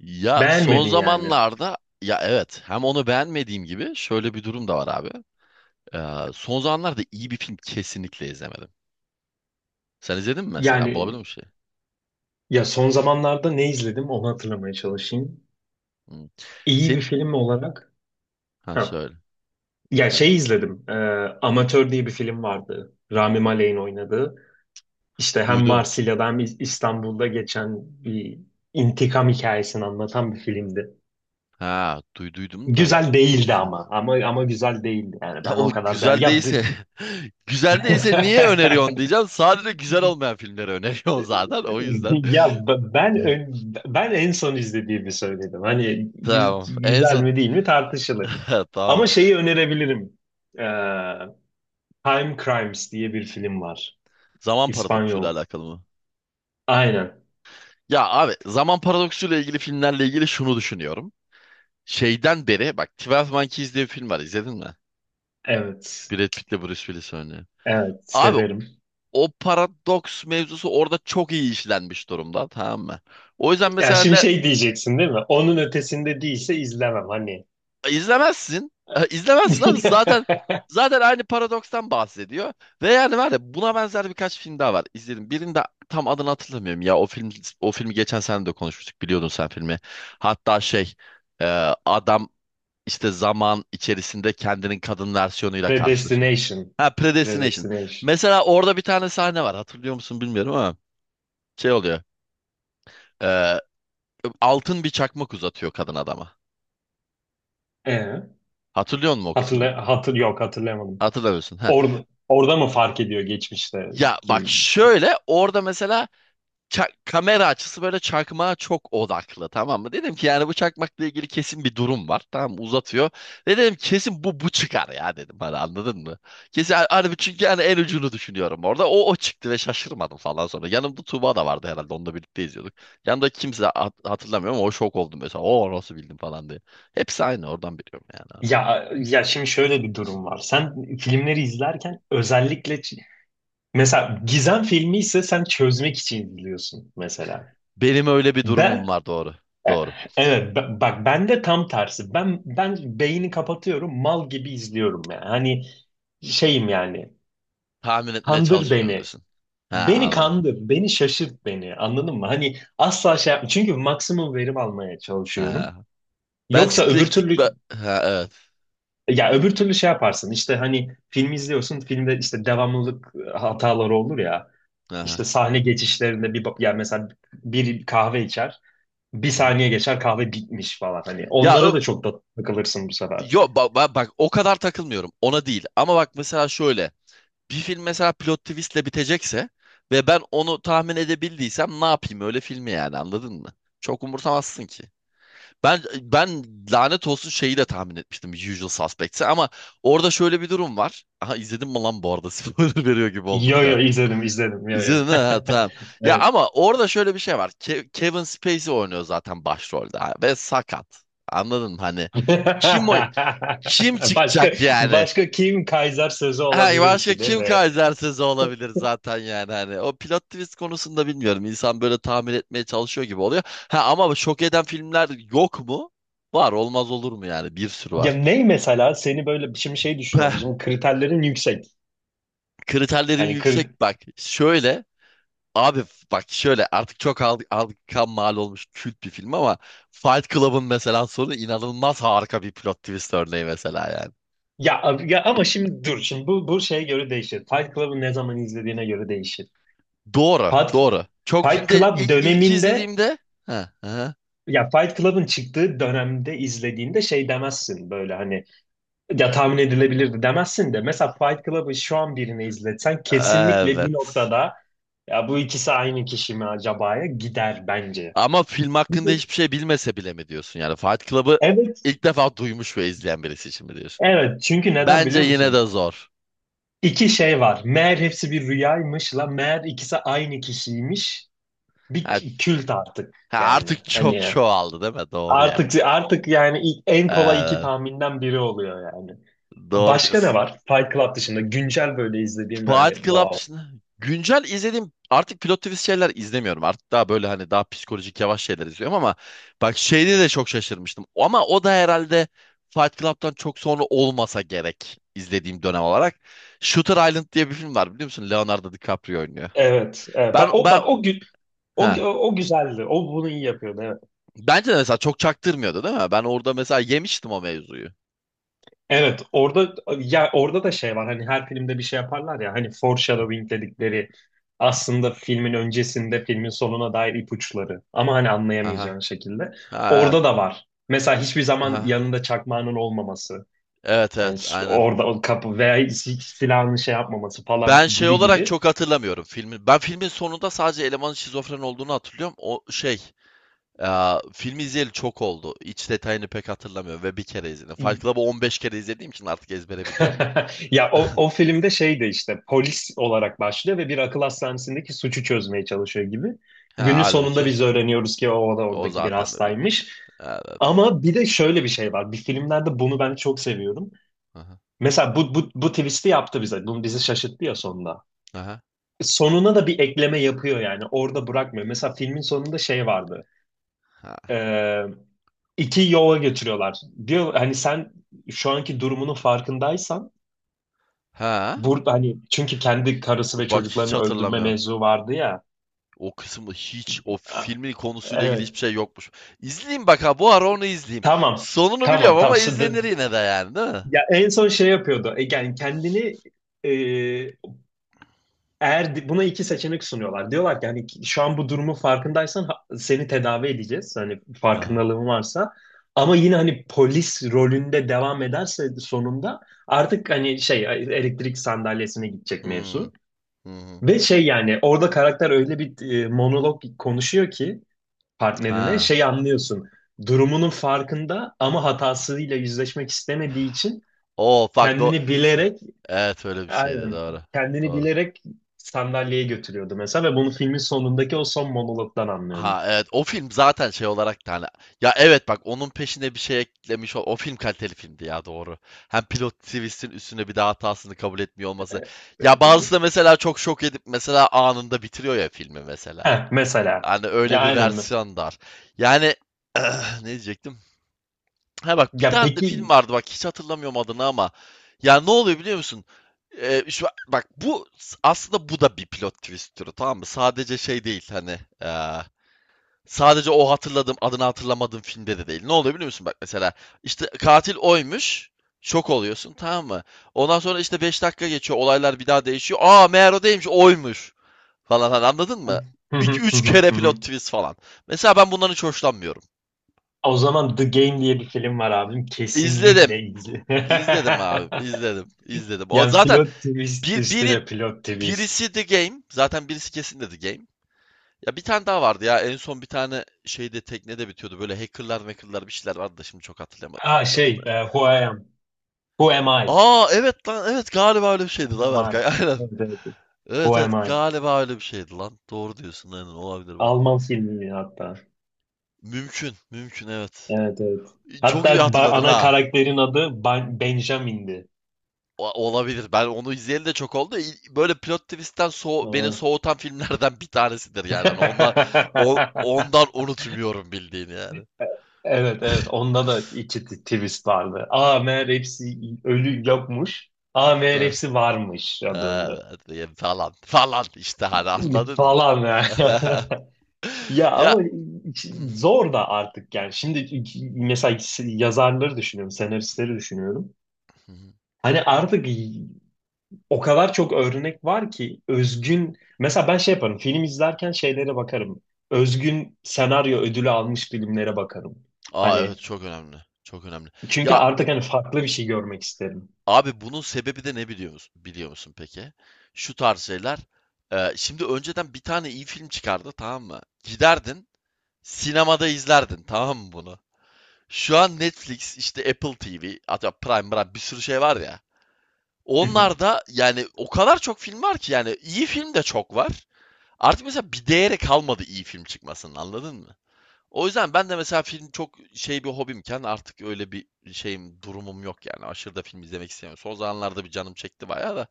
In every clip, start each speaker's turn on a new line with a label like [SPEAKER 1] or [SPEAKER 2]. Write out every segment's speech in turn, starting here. [SPEAKER 1] Ya, son
[SPEAKER 2] Beğenmedin yani.
[SPEAKER 1] zamanlarda ya evet hem onu beğenmediğim gibi şöyle bir durum da var abi. Son zamanlarda iyi bir film kesinlikle izlemedim. Sen izledin mi mesela? Bulabildin
[SPEAKER 2] Yani
[SPEAKER 1] mi bir şey?
[SPEAKER 2] ya son zamanlarda ne izledim onu hatırlamaya çalışayım.
[SPEAKER 1] Hmm.
[SPEAKER 2] İyi bir
[SPEAKER 1] Sen
[SPEAKER 2] film olarak.
[SPEAKER 1] ha
[SPEAKER 2] Ha.
[SPEAKER 1] söyle
[SPEAKER 2] Ya
[SPEAKER 1] söyle.
[SPEAKER 2] şey izledim. Amatör diye bir film vardı. Rami Malek'in oynadığı. İşte hem
[SPEAKER 1] Duydum.
[SPEAKER 2] Marsilya'da hem İstanbul'da geçen bir intikam hikayesini anlatan bir filmdi.
[SPEAKER 1] Ha duyduydum da
[SPEAKER 2] Güzel değildi
[SPEAKER 1] izledim.
[SPEAKER 2] ama. Ama güzel değildi yani.
[SPEAKER 1] Ya
[SPEAKER 2] Ben
[SPEAKER 1] o
[SPEAKER 2] o kadar beğen...
[SPEAKER 1] güzel değilse güzel değilse niye öneriyorsun diyeceğim. Sadece güzel olmayan filmleri öneriyorum zaten o yüzden.
[SPEAKER 2] Ben en son izlediğimi söyledim. Hani
[SPEAKER 1] Tamam. En
[SPEAKER 2] güzel
[SPEAKER 1] son
[SPEAKER 2] mi değil mi tartışılır.
[SPEAKER 1] tamam.
[SPEAKER 2] Ama şeyi önerebilirim. Ee, Time Crimes diye bir film var.
[SPEAKER 1] Zaman paradoksuyla
[SPEAKER 2] İspanyol.
[SPEAKER 1] alakalı mı?
[SPEAKER 2] Aynen.
[SPEAKER 1] Ya abi, zaman paradoksuyla ilgili filmlerle ilgili şunu düşünüyorum. Şeyden beri bak, 12 Monkeys diye bir film var, izledin mi?
[SPEAKER 2] Evet.
[SPEAKER 1] Brad Pitt'le Bruce Willis oynuyor.
[SPEAKER 2] Evet,
[SPEAKER 1] Abi,
[SPEAKER 2] severim.
[SPEAKER 1] o paradoks mevzusu orada çok iyi işlenmiş durumda, tamam mı? O yüzden
[SPEAKER 2] Ya
[SPEAKER 1] mesela
[SPEAKER 2] şimdi
[SPEAKER 1] ne
[SPEAKER 2] şey diyeceksin değil mi? Onun ötesinde değilse izlemem hani.
[SPEAKER 1] izlemezsin. İzlemezsin abi zaten, aynı paradokstan bahsediyor. Ve yani var ya, buna benzer birkaç film daha var. İzledim. Birinde tam adını hatırlamıyorum, ya o film, o filmi geçen sene de konuşmuştuk, biliyordun sen filmi. Hatta şey, e, adam, İşte zaman içerisinde kendinin kadın versiyonuyla karşılaşıyor.
[SPEAKER 2] Predestination.
[SPEAKER 1] Ha, Predestination.
[SPEAKER 2] Predestination.
[SPEAKER 1] Mesela orada bir tane sahne var. Hatırlıyor musun bilmiyorum ama şey oluyor. Ee, Altın bir çakmak uzatıyor kadın adama.
[SPEAKER 2] Ee,
[SPEAKER 1] Hatırlıyor musun o kısmını?
[SPEAKER 2] hatırla hatır yok hatırlamadım.
[SPEAKER 1] Hatırlamıyorsun. Ha.
[SPEAKER 2] Orada mı fark ediyor
[SPEAKER 1] Ya bak
[SPEAKER 2] geçmişteki?
[SPEAKER 1] şöyle, orada mesela kamera açısı böyle çakmağa çok odaklı, tamam mı? Dedim ki yani bu çakmakla ilgili kesin bir durum var. Tamam mı? Uzatıyor. Ve dedim kesin bu çıkar ya, dedim, hani anladın mı? Kesin harbi, çünkü yani en ucunu düşünüyorum orada. O çıktı ve şaşırmadım falan sonra. Yanımda Tuğba da vardı herhalde, onunla birlikte izliyorduk. Yanımda kimse hatırlamıyorum ama o şok oldum mesela. O nasıl bildim falan diye. Hepsi aynı, oradan biliyorum yani abi.
[SPEAKER 2] Ya şimdi şöyle bir durum var. Sen filmleri izlerken özellikle mesela gizem filmi ise sen çözmek için izliyorsun mesela.
[SPEAKER 1] Benim öyle bir durumum
[SPEAKER 2] Ben
[SPEAKER 1] var, doğru. Doğru.
[SPEAKER 2] evet bak ben de tam tersi. Ben beyni kapatıyorum, mal gibi izliyorum yani. Hani şeyim yani.
[SPEAKER 1] Tahmin etmeye
[SPEAKER 2] Kandır
[SPEAKER 1] çalışmıyorum
[SPEAKER 2] beni.
[SPEAKER 1] diyorsun. Ha,
[SPEAKER 2] Beni
[SPEAKER 1] anladım.
[SPEAKER 2] kandır, beni şaşırt beni. Anladın mı? Hani asla şey yapma. Çünkü maksimum verim almaya çalışıyorum.
[SPEAKER 1] Ha. Ben
[SPEAKER 2] Yoksa öbür
[SPEAKER 1] spektik...
[SPEAKER 2] türlü.
[SPEAKER 1] Ha, evet.
[SPEAKER 2] Ya öbür türlü şey yaparsın işte hani film izliyorsun, filmde işte devamlılık hataları olur ya, işte
[SPEAKER 1] Aha.
[SPEAKER 2] sahne geçişlerinde yani mesela bir kahve içer, bir
[SPEAKER 1] Hı hı.
[SPEAKER 2] saniye geçer kahve bitmiş falan, hani
[SPEAKER 1] Ya ö-
[SPEAKER 2] onlara da çok da takılırsın bu sefer.
[SPEAKER 1] Bak o kadar takılmıyorum ona değil, ama bak mesela şöyle, bir film mesela plot twistle bitecekse ve ben onu tahmin edebildiysem, ne yapayım öyle filmi yani, anladın mı? Çok umursamazsın ki. Ben lanet olsun, şeyi de tahmin etmiştim, Usual Suspects'i, ama orada şöyle bir durum var. Aha, izledim mi lan bu arada? Spoiler veriyor gibi oldum
[SPEAKER 2] Yo
[SPEAKER 1] bir.
[SPEAKER 2] yo, izledim izledim, yo yo.
[SPEAKER 1] İzledin mi? Ha, tamam. Ya
[SPEAKER 2] Evet.
[SPEAKER 1] ama orada şöyle bir şey var. Kevin Spacey oynuyor zaten başrolde ha, ve sakat. Anladın mı? Hani kim o, kim
[SPEAKER 2] Başka
[SPEAKER 1] çıkacak yani?
[SPEAKER 2] başka kim Kaiser sözü
[SPEAKER 1] Ha,
[SPEAKER 2] olabilir
[SPEAKER 1] başka
[SPEAKER 2] ki değil
[SPEAKER 1] kim
[SPEAKER 2] mi?
[SPEAKER 1] Kaiser'siz olabilir zaten yani hani. O plot twist konusunda bilmiyorum. İnsan böyle tahmin etmeye çalışıyor gibi oluyor. Ha, ama şok eden filmler yok mu? Var, olmaz olur mu yani? Bir sürü
[SPEAKER 2] Ya
[SPEAKER 1] var.
[SPEAKER 2] ne mesela seni böyle şimdi şey düşünüyorum.
[SPEAKER 1] Peh,
[SPEAKER 2] Şimdi kriterlerin yüksek.
[SPEAKER 1] kriterlerin
[SPEAKER 2] Hani kır.
[SPEAKER 1] yüksek, bak. Şöyle, abi, bak şöyle, artık çok aldık, kan mal olmuş kült bir film ama Fight Club'ın mesela sonu inanılmaz harika bir plot twist örneği mesela yani.
[SPEAKER 2] Ya ama şimdi dur, şimdi bu şeye göre değişir. Fight Club'ı ne zaman izlediğine göre değişir.
[SPEAKER 1] Doğru,
[SPEAKER 2] Fight,
[SPEAKER 1] doğru. Çok
[SPEAKER 2] Fight
[SPEAKER 1] filmde
[SPEAKER 2] Club
[SPEAKER 1] ilk
[SPEAKER 2] döneminde,
[SPEAKER 1] izlediğimde, ha, ha,
[SPEAKER 2] ya Fight Club'ın çıktığı dönemde izlediğinde şey demezsin böyle, hani ya tahmin edilebilirdi demezsin, de mesela Fight Club'ı şu an birine izletsen kesinlikle bir
[SPEAKER 1] evet.
[SPEAKER 2] noktada ya bu ikisi aynı kişi mi acaba'ya gider bence.
[SPEAKER 1] Ama film hakkında
[SPEAKER 2] Çünkü-
[SPEAKER 1] hiçbir şey bilmese bile mi diyorsun? Yani Fight Club'ı
[SPEAKER 2] Evet,
[SPEAKER 1] ilk defa duymuş ve izleyen birisi için mi diyorsun?
[SPEAKER 2] evet. Çünkü neden
[SPEAKER 1] Bence
[SPEAKER 2] biliyor
[SPEAKER 1] yine
[SPEAKER 2] musun?
[SPEAKER 1] de zor.
[SPEAKER 2] İki şey var. Meğer hepsi bir rüyaymış la, meğer ikisi aynı kişiymiş.
[SPEAKER 1] Ha,
[SPEAKER 2] Kült artık
[SPEAKER 1] ha,
[SPEAKER 2] yani.
[SPEAKER 1] artık çok
[SPEAKER 2] Hani
[SPEAKER 1] çoğaldı değil mi? Doğru yani.
[SPEAKER 2] artık yani en kolay iki
[SPEAKER 1] Evet,
[SPEAKER 2] tahminden biri oluyor yani.
[SPEAKER 1] doğru
[SPEAKER 2] Başka ne
[SPEAKER 1] diyorsun.
[SPEAKER 2] var? Fight Club dışında güncel böyle izlediğim ben hani
[SPEAKER 1] Fight Club
[SPEAKER 2] wow.
[SPEAKER 1] dışında güncel izlediğim, artık pilot twist şeyler izlemiyorum. Artık daha böyle, hani daha psikolojik yavaş şeyler izliyorum, ama bak şeyde de çok şaşırmıştım. Ama o da herhalde Fight Club'tan çok sonra olmasa gerek izlediğim dönem olarak. Shooter Island diye bir film var, biliyor musun? Leonardo DiCaprio oynuyor.
[SPEAKER 2] Evet, evet.
[SPEAKER 1] Ben
[SPEAKER 2] Bak o,
[SPEAKER 1] ben
[SPEAKER 2] bak o gün, o,
[SPEAKER 1] ha,
[SPEAKER 2] o güzeldi. O bunu iyi yapıyordu. Evet.
[SPEAKER 1] bence de mesela çok çaktırmıyordu değil mi? Ben orada mesela yemiştim o mevzuyu.
[SPEAKER 2] Evet, orada, ya orada da şey var. Hani her filmde bir şey yaparlar ya. Hani foreshadowing dedikleri, aslında filmin öncesinde filmin sonuna dair ipuçları. Ama hani
[SPEAKER 1] Ha ha.
[SPEAKER 2] anlayamayacağın şekilde.
[SPEAKER 1] Ha, evet.
[SPEAKER 2] Orada da var. Mesela hiçbir zaman
[SPEAKER 1] Ha.
[SPEAKER 2] yanında çakmağının olmaması.
[SPEAKER 1] Evet
[SPEAKER 2] Hani
[SPEAKER 1] evet, aynen.
[SPEAKER 2] orada o kapı veya silahını şey yapmaması falan
[SPEAKER 1] Ben şey
[SPEAKER 2] gibi
[SPEAKER 1] olarak
[SPEAKER 2] gibi.
[SPEAKER 1] çok hatırlamıyorum filmin. Ben filmin sonunda sadece elemanın şizofren olduğunu hatırlıyorum. O şey, filmi izleyeli çok oldu. İç detayını pek hatırlamıyorum ve bir kere izledim. Fight Club'ı 15 kere izlediğim için artık ezbere biliyorum da.
[SPEAKER 2] Ya o, o filmde şey de işte polis olarak başlıyor ve bir akıl hastanesindeki suçu çözmeye çalışıyor gibi.
[SPEAKER 1] Ha,
[SPEAKER 2] Günün sonunda
[SPEAKER 1] halbuki
[SPEAKER 2] biz öğreniyoruz ki o da
[SPEAKER 1] o
[SPEAKER 2] oradaki bir
[SPEAKER 1] zaten öyle bir
[SPEAKER 2] hastaymış.
[SPEAKER 1] iş. Evet.
[SPEAKER 2] Ama bir de şöyle bir şey var. Bir filmlerde bunu ben çok seviyorum.
[SPEAKER 1] Aha.
[SPEAKER 2] Mesela bu twist'i yaptı bize. Bunu bizi şaşırttı ya sonunda.
[SPEAKER 1] Aha.
[SPEAKER 2] Sonuna da bir ekleme yapıyor yani. Orada bırakmıyor. Mesela filmin sonunda şey vardı.
[SPEAKER 1] Ha.
[SPEAKER 2] e, iki yola götürüyorlar. Diyor hani sen şu anki durumunun farkındaysan
[SPEAKER 1] Ha.
[SPEAKER 2] burada, hani çünkü kendi karısı ve
[SPEAKER 1] Bak, hiç
[SPEAKER 2] çocuklarını öldürme
[SPEAKER 1] hatırlamıyorum.
[SPEAKER 2] mevzu vardı ya.
[SPEAKER 1] O kısmı hiç, o
[SPEAKER 2] A-
[SPEAKER 1] filmin konusuyla ilgili hiçbir
[SPEAKER 2] Evet.
[SPEAKER 1] şey yokmuş. İzleyeyim bak, ha bu ara onu izleyeyim.
[SPEAKER 2] Tamam.
[SPEAKER 1] Sonunu biliyorum
[SPEAKER 2] Tamam. Tamam.
[SPEAKER 1] ama
[SPEAKER 2] Şimdi.
[SPEAKER 1] izlenir yine de yani, değil mi?
[SPEAKER 2] Ya en son şey yapıyordu. Yani kendini, eğer buna iki seçenek sunuyorlar. Diyorlar ki hani şu an bu durumun farkındaysan seni tedavi edeceğiz. Hani
[SPEAKER 1] Ha.
[SPEAKER 2] farkındalığın varsa. Ama yine hani polis rolünde devam ederse sonunda artık hani şey, elektrik sandalyesine gidecek
[SPEAKER 1] Hmm.
[SPEAKER 2] mevzu.
[SPEAKER 1] Hı hı.
[SPEAKER 2] Ve şey, yani orada karakter öyle bir monolog konuşuyor ki partnerine
[SPEAKER 1] Ha.
[SPEAKER 2] şey anlıyorsun. Durumunun farkında ama hatasıyla yüzleşmek istemediği için
[SPEAKER 1] O bak do,
[SPEAKER 2] kendini bilerek.
[SPEAKER 1] evet öyle bir şeydi,
[SPEAKER 2] Aynen.
[SPEAKER 1] doğru.
[SPEAKER 2] Kendini
[SPEAKER 1] Doğru.
[SPEAKER 2] bilerek sandalyeye götürüyordu mesela, ve bunu filmin sonundaki o son monologdan anlıyordum.
[SPEAKER 1] Ha evet, o film zaten şey olarak da hani, ya evet bak, onun peşine bir şey eklemiş, o film kaliteli filmdi ya, doğru. Hem pilot twist'in üstüne bir daha hatasını kabul etmiyor olması.
[SPEAKER 2] Ee,
[SPEAKER 1] Ya bazısı da mesela çok şok edip mesela anında bitiriyor ya filmi mesela.
[SPEAKER 2] Heh, mesela.
[SPEAKER 1] Hani
[SPEAKER 2] Ya
[SPEAKER 1] öyle bir
[SPEAKER 2] aynen mi?
[SPEAKER 1] versiyon da var. Yani ne diyecektim? Ha bak, bir
[SPEAKER 2] Ya
[SPEAKER 1] tane de film
[SPEAKER 2] peki.
[SPEAKER 1] vardı, bak hiç hatırlamıyorum adını ama. Ya ne oluyor biliyor musun? Şu, bak bu, aslında bu da bir plot twist türü, tamam mı? Sadece şey değil hani, sadece o hatırladığım, adını hatırlamadığım filmde de değil. Ne oluyor biliyor musun? Bak mesela, işte katil oymuş. Şok oluyorsun, tamam mı? Ondan sonra işte 5 dakika geçiyor, olaylar bir daha değişiyor. Aa, meğer o değilmiş, oymuş falan, hani anladın
[SPEAKER 2] Hı
[SPEAKER 1] mı?
[SPEAKER 2] hı,
[SPEAKER 1] 2
[SPEAKER 2] hı hı,
[SPEAKER 1] üç kere
[SPEAKER 2] hı hı.
[SPEAKER 1] plot twist falan. Mesela ben bundan hiç hoşlanmıyorum.
[SPEAKER 2] O zaman The Game diye bir film var abim.
[SPEAKER 1] İzledim.
[SPEAKER 2] Kesinlikle izle.
[SPEAKER 1] İzledim abi, izledim, izledim. O
[SPEAKER 2] Yani
[SPEAKER 1] zaten
[SPEAKER 2] pilot twist
[SPEAKER 1] bir
[SPEAKER 2] üstüne pilot twist.
[SPEAKER 1] birisi The Game, zaten birisi kesin de The Game. Ya bir tane daha vardı ya, en son bir tane şeyde teknede bitiyordu böyle, hackerlar bir şeyler vardı da, şimdi çok hatırlayamadım
[SPEAKER 2] Aa
[SPEAKER 1] filmin ne
[SPEAKER 2] şey,
[SPEAKER 1] olduğunu.
[SPEAKER 2] Who I Am. Who Am I?
[SPEAKER 1] Aa evet lan, evet galiba öyle bir şeydi
[SPEAKER 2] Who
[SPEAKER 1] lan,
[SPEAKER 2] Am I?
[SPEAKER 1] Berkay. Aynen.
[SPEAKER 2] Evet, evet. Who
[SPEAKER 1] Evet evet,
[SPEAKER 2] Am I?
[SPEAKER 1] galiba öyle bir şeydi lan. Doğru diyorsun, aynen, olabilir bak.
[SPEAKER 2] Alman filmi hatta.
[SPEAKER 1] Mümkün, mümkün, evet.
[SPEAKER 2] Evet evet.
[SPEAKER 1] Çok
[SPEAKER 2] Hatta
[SPEAKER 1] iyi hatırladın
[SPEAKER 2] ana
[SPEAKER 1] ha.
[SPEAKER 2] karakterin adı Benjamin'di.
[SPEAKER 1] O- olabilir. Ben onu izleyeli de çok oldu. İ- böyle plot twist'ten so beni
[SPEAKER 2] Doğru.
[SPEAKER 1] soğutan filmlerden bir tanesidir yani. Hani ondan, ondan unutmuyorum bildiğini yani.
[SPEAKER 2] Evet evet, onda da iki twist vardı. Aa meğer hepsi ölü yokmuş. Aa meğer
[SPEAKER 1] Heh,
[SPEAKER 2] hepsi varmış ya, döndü.
[SPEAKER 1] evet yani falan falan işte, hani anladın mı?
[SPEAKER 2] Falan ya. Ya
[SPEAKER 1] Ya
[SPEAKER 2] ama zor da artık yani. Şimdi mesela yazarları düşünüyorum, senaristleri düşünüyorum. Hani artık, o kadar çok örnek var ki, özgün, mesela ben şey yaparım film izlerken, şeylere bakarım. Özgün senaryo ödülü almış filmlere bakarım.
[SPEAKER 1] Aa evet,
[SPEAKER 2] Hani
[SPEAKER 1] çok önemli. Çok önemli.
[SPEAKER 2] çünkü
[SPEAKER 1] Ya
[SPEAKER 2] artık hani farklı bir şey görmek isterim.
[SPEAKER 1] abi, bunun sebebi de ne biliyor musun, biliyor musun peki? Şu tarz şeyler. Şimdi önceden bir tane iyi film çıkardı, tamam mı? Giderdin sinemada izlerdin, tamam mı bunu? Şu an Netflix, işte Apple TV, hatta Prime, bir sürü şey var ya.
[SPEAKER 2] Hı hı.
[SPEAKER 1] Onlarda yani o kadar çok film var ki, yani iyi film de çok var. Artık mesela bir değeri kalmadı iyi film çıkmasının, anladın mı? O yüzden ben de mesela film çok şey, bir hobimken artık öyle bir şeyim, durumum yok yani. Aşırı da film izlemek istemiyorum. Son zamanlarda bir canım çekti bayağı da,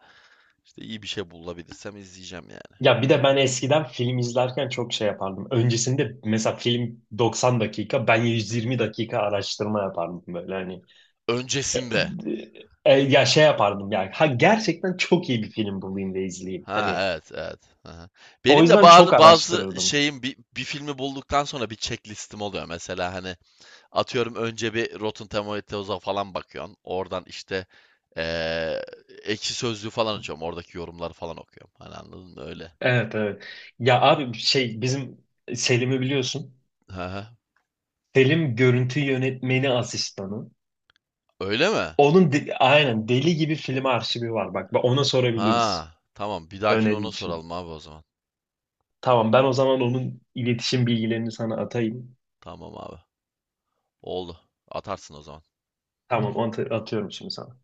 [SPEAKER 1] işte iyi bir şey bulabilirsem izleyeceğim yani.
[SPEAKER 2] Ya bir de ben eskiden film izlerken çok şey yapardım. Öncesinde mesela film 90 dakika, ben 120 dakika araştırma yapardım böyle hani. E, e,
[SPEAKER 1] Öncesinde.
[SPEAKER 2] ya şey yapardım yani. Ha, gerçekten çok iyi bir film bulayım da izleyeyim.
[SPEAKER 1] Ha
[SPEAKER 2] Hani
[SPEAKER 1] evet evet. Aha.
[SPEAKER 2] o
[SPEAKER 1] Benim de
[SPEAKER 2] yüzden çok
[SPEAKER 1] bazı
[SPEAKER 2] araştırırdım.
[SPEAKER 1] şeyim, bir filmi bulduktan sonra bir checklistim oluyor. Mesela hani atıyorum, önce bir Rotten Tomatoes'a falan bakıyorsun. Oradan işte eee, Ekşi Sözlüğü falan açıyorum. Oradaki yorumları falan okuyorum. Hani anladın mı? Öyle.
[SPEAKER 2] Evet evet. Ya abi şey, bizim Selim'i biliyorsun.
[SPEAKER 1] Hı hı.
[SPEAKER 2] Selim görüntü yönetmeni asistanı.
[SPEAKER 1] Öyle mi?
[SPEAKER 2] Onun aynen deli gibi film arşivi var. Bak ona sorabiliriz
[SPEAKER 1] Ha, tamam. Bir dahakine
[SPEAKER 2] öneri
[SPEAKER 1] ona
[SPEAKER 2] için.
[SPEAKER 1] soralım abi o zaman.
[SPEAKER 2] Tamam, ben o zaman onun iletişim bilgilerini sana atayım.
[SPEAKER 1] Tamam abi. Oldu. Atarsın o zaman.
[SPEAKER 2] Tamam, atıyorum şimdi sana.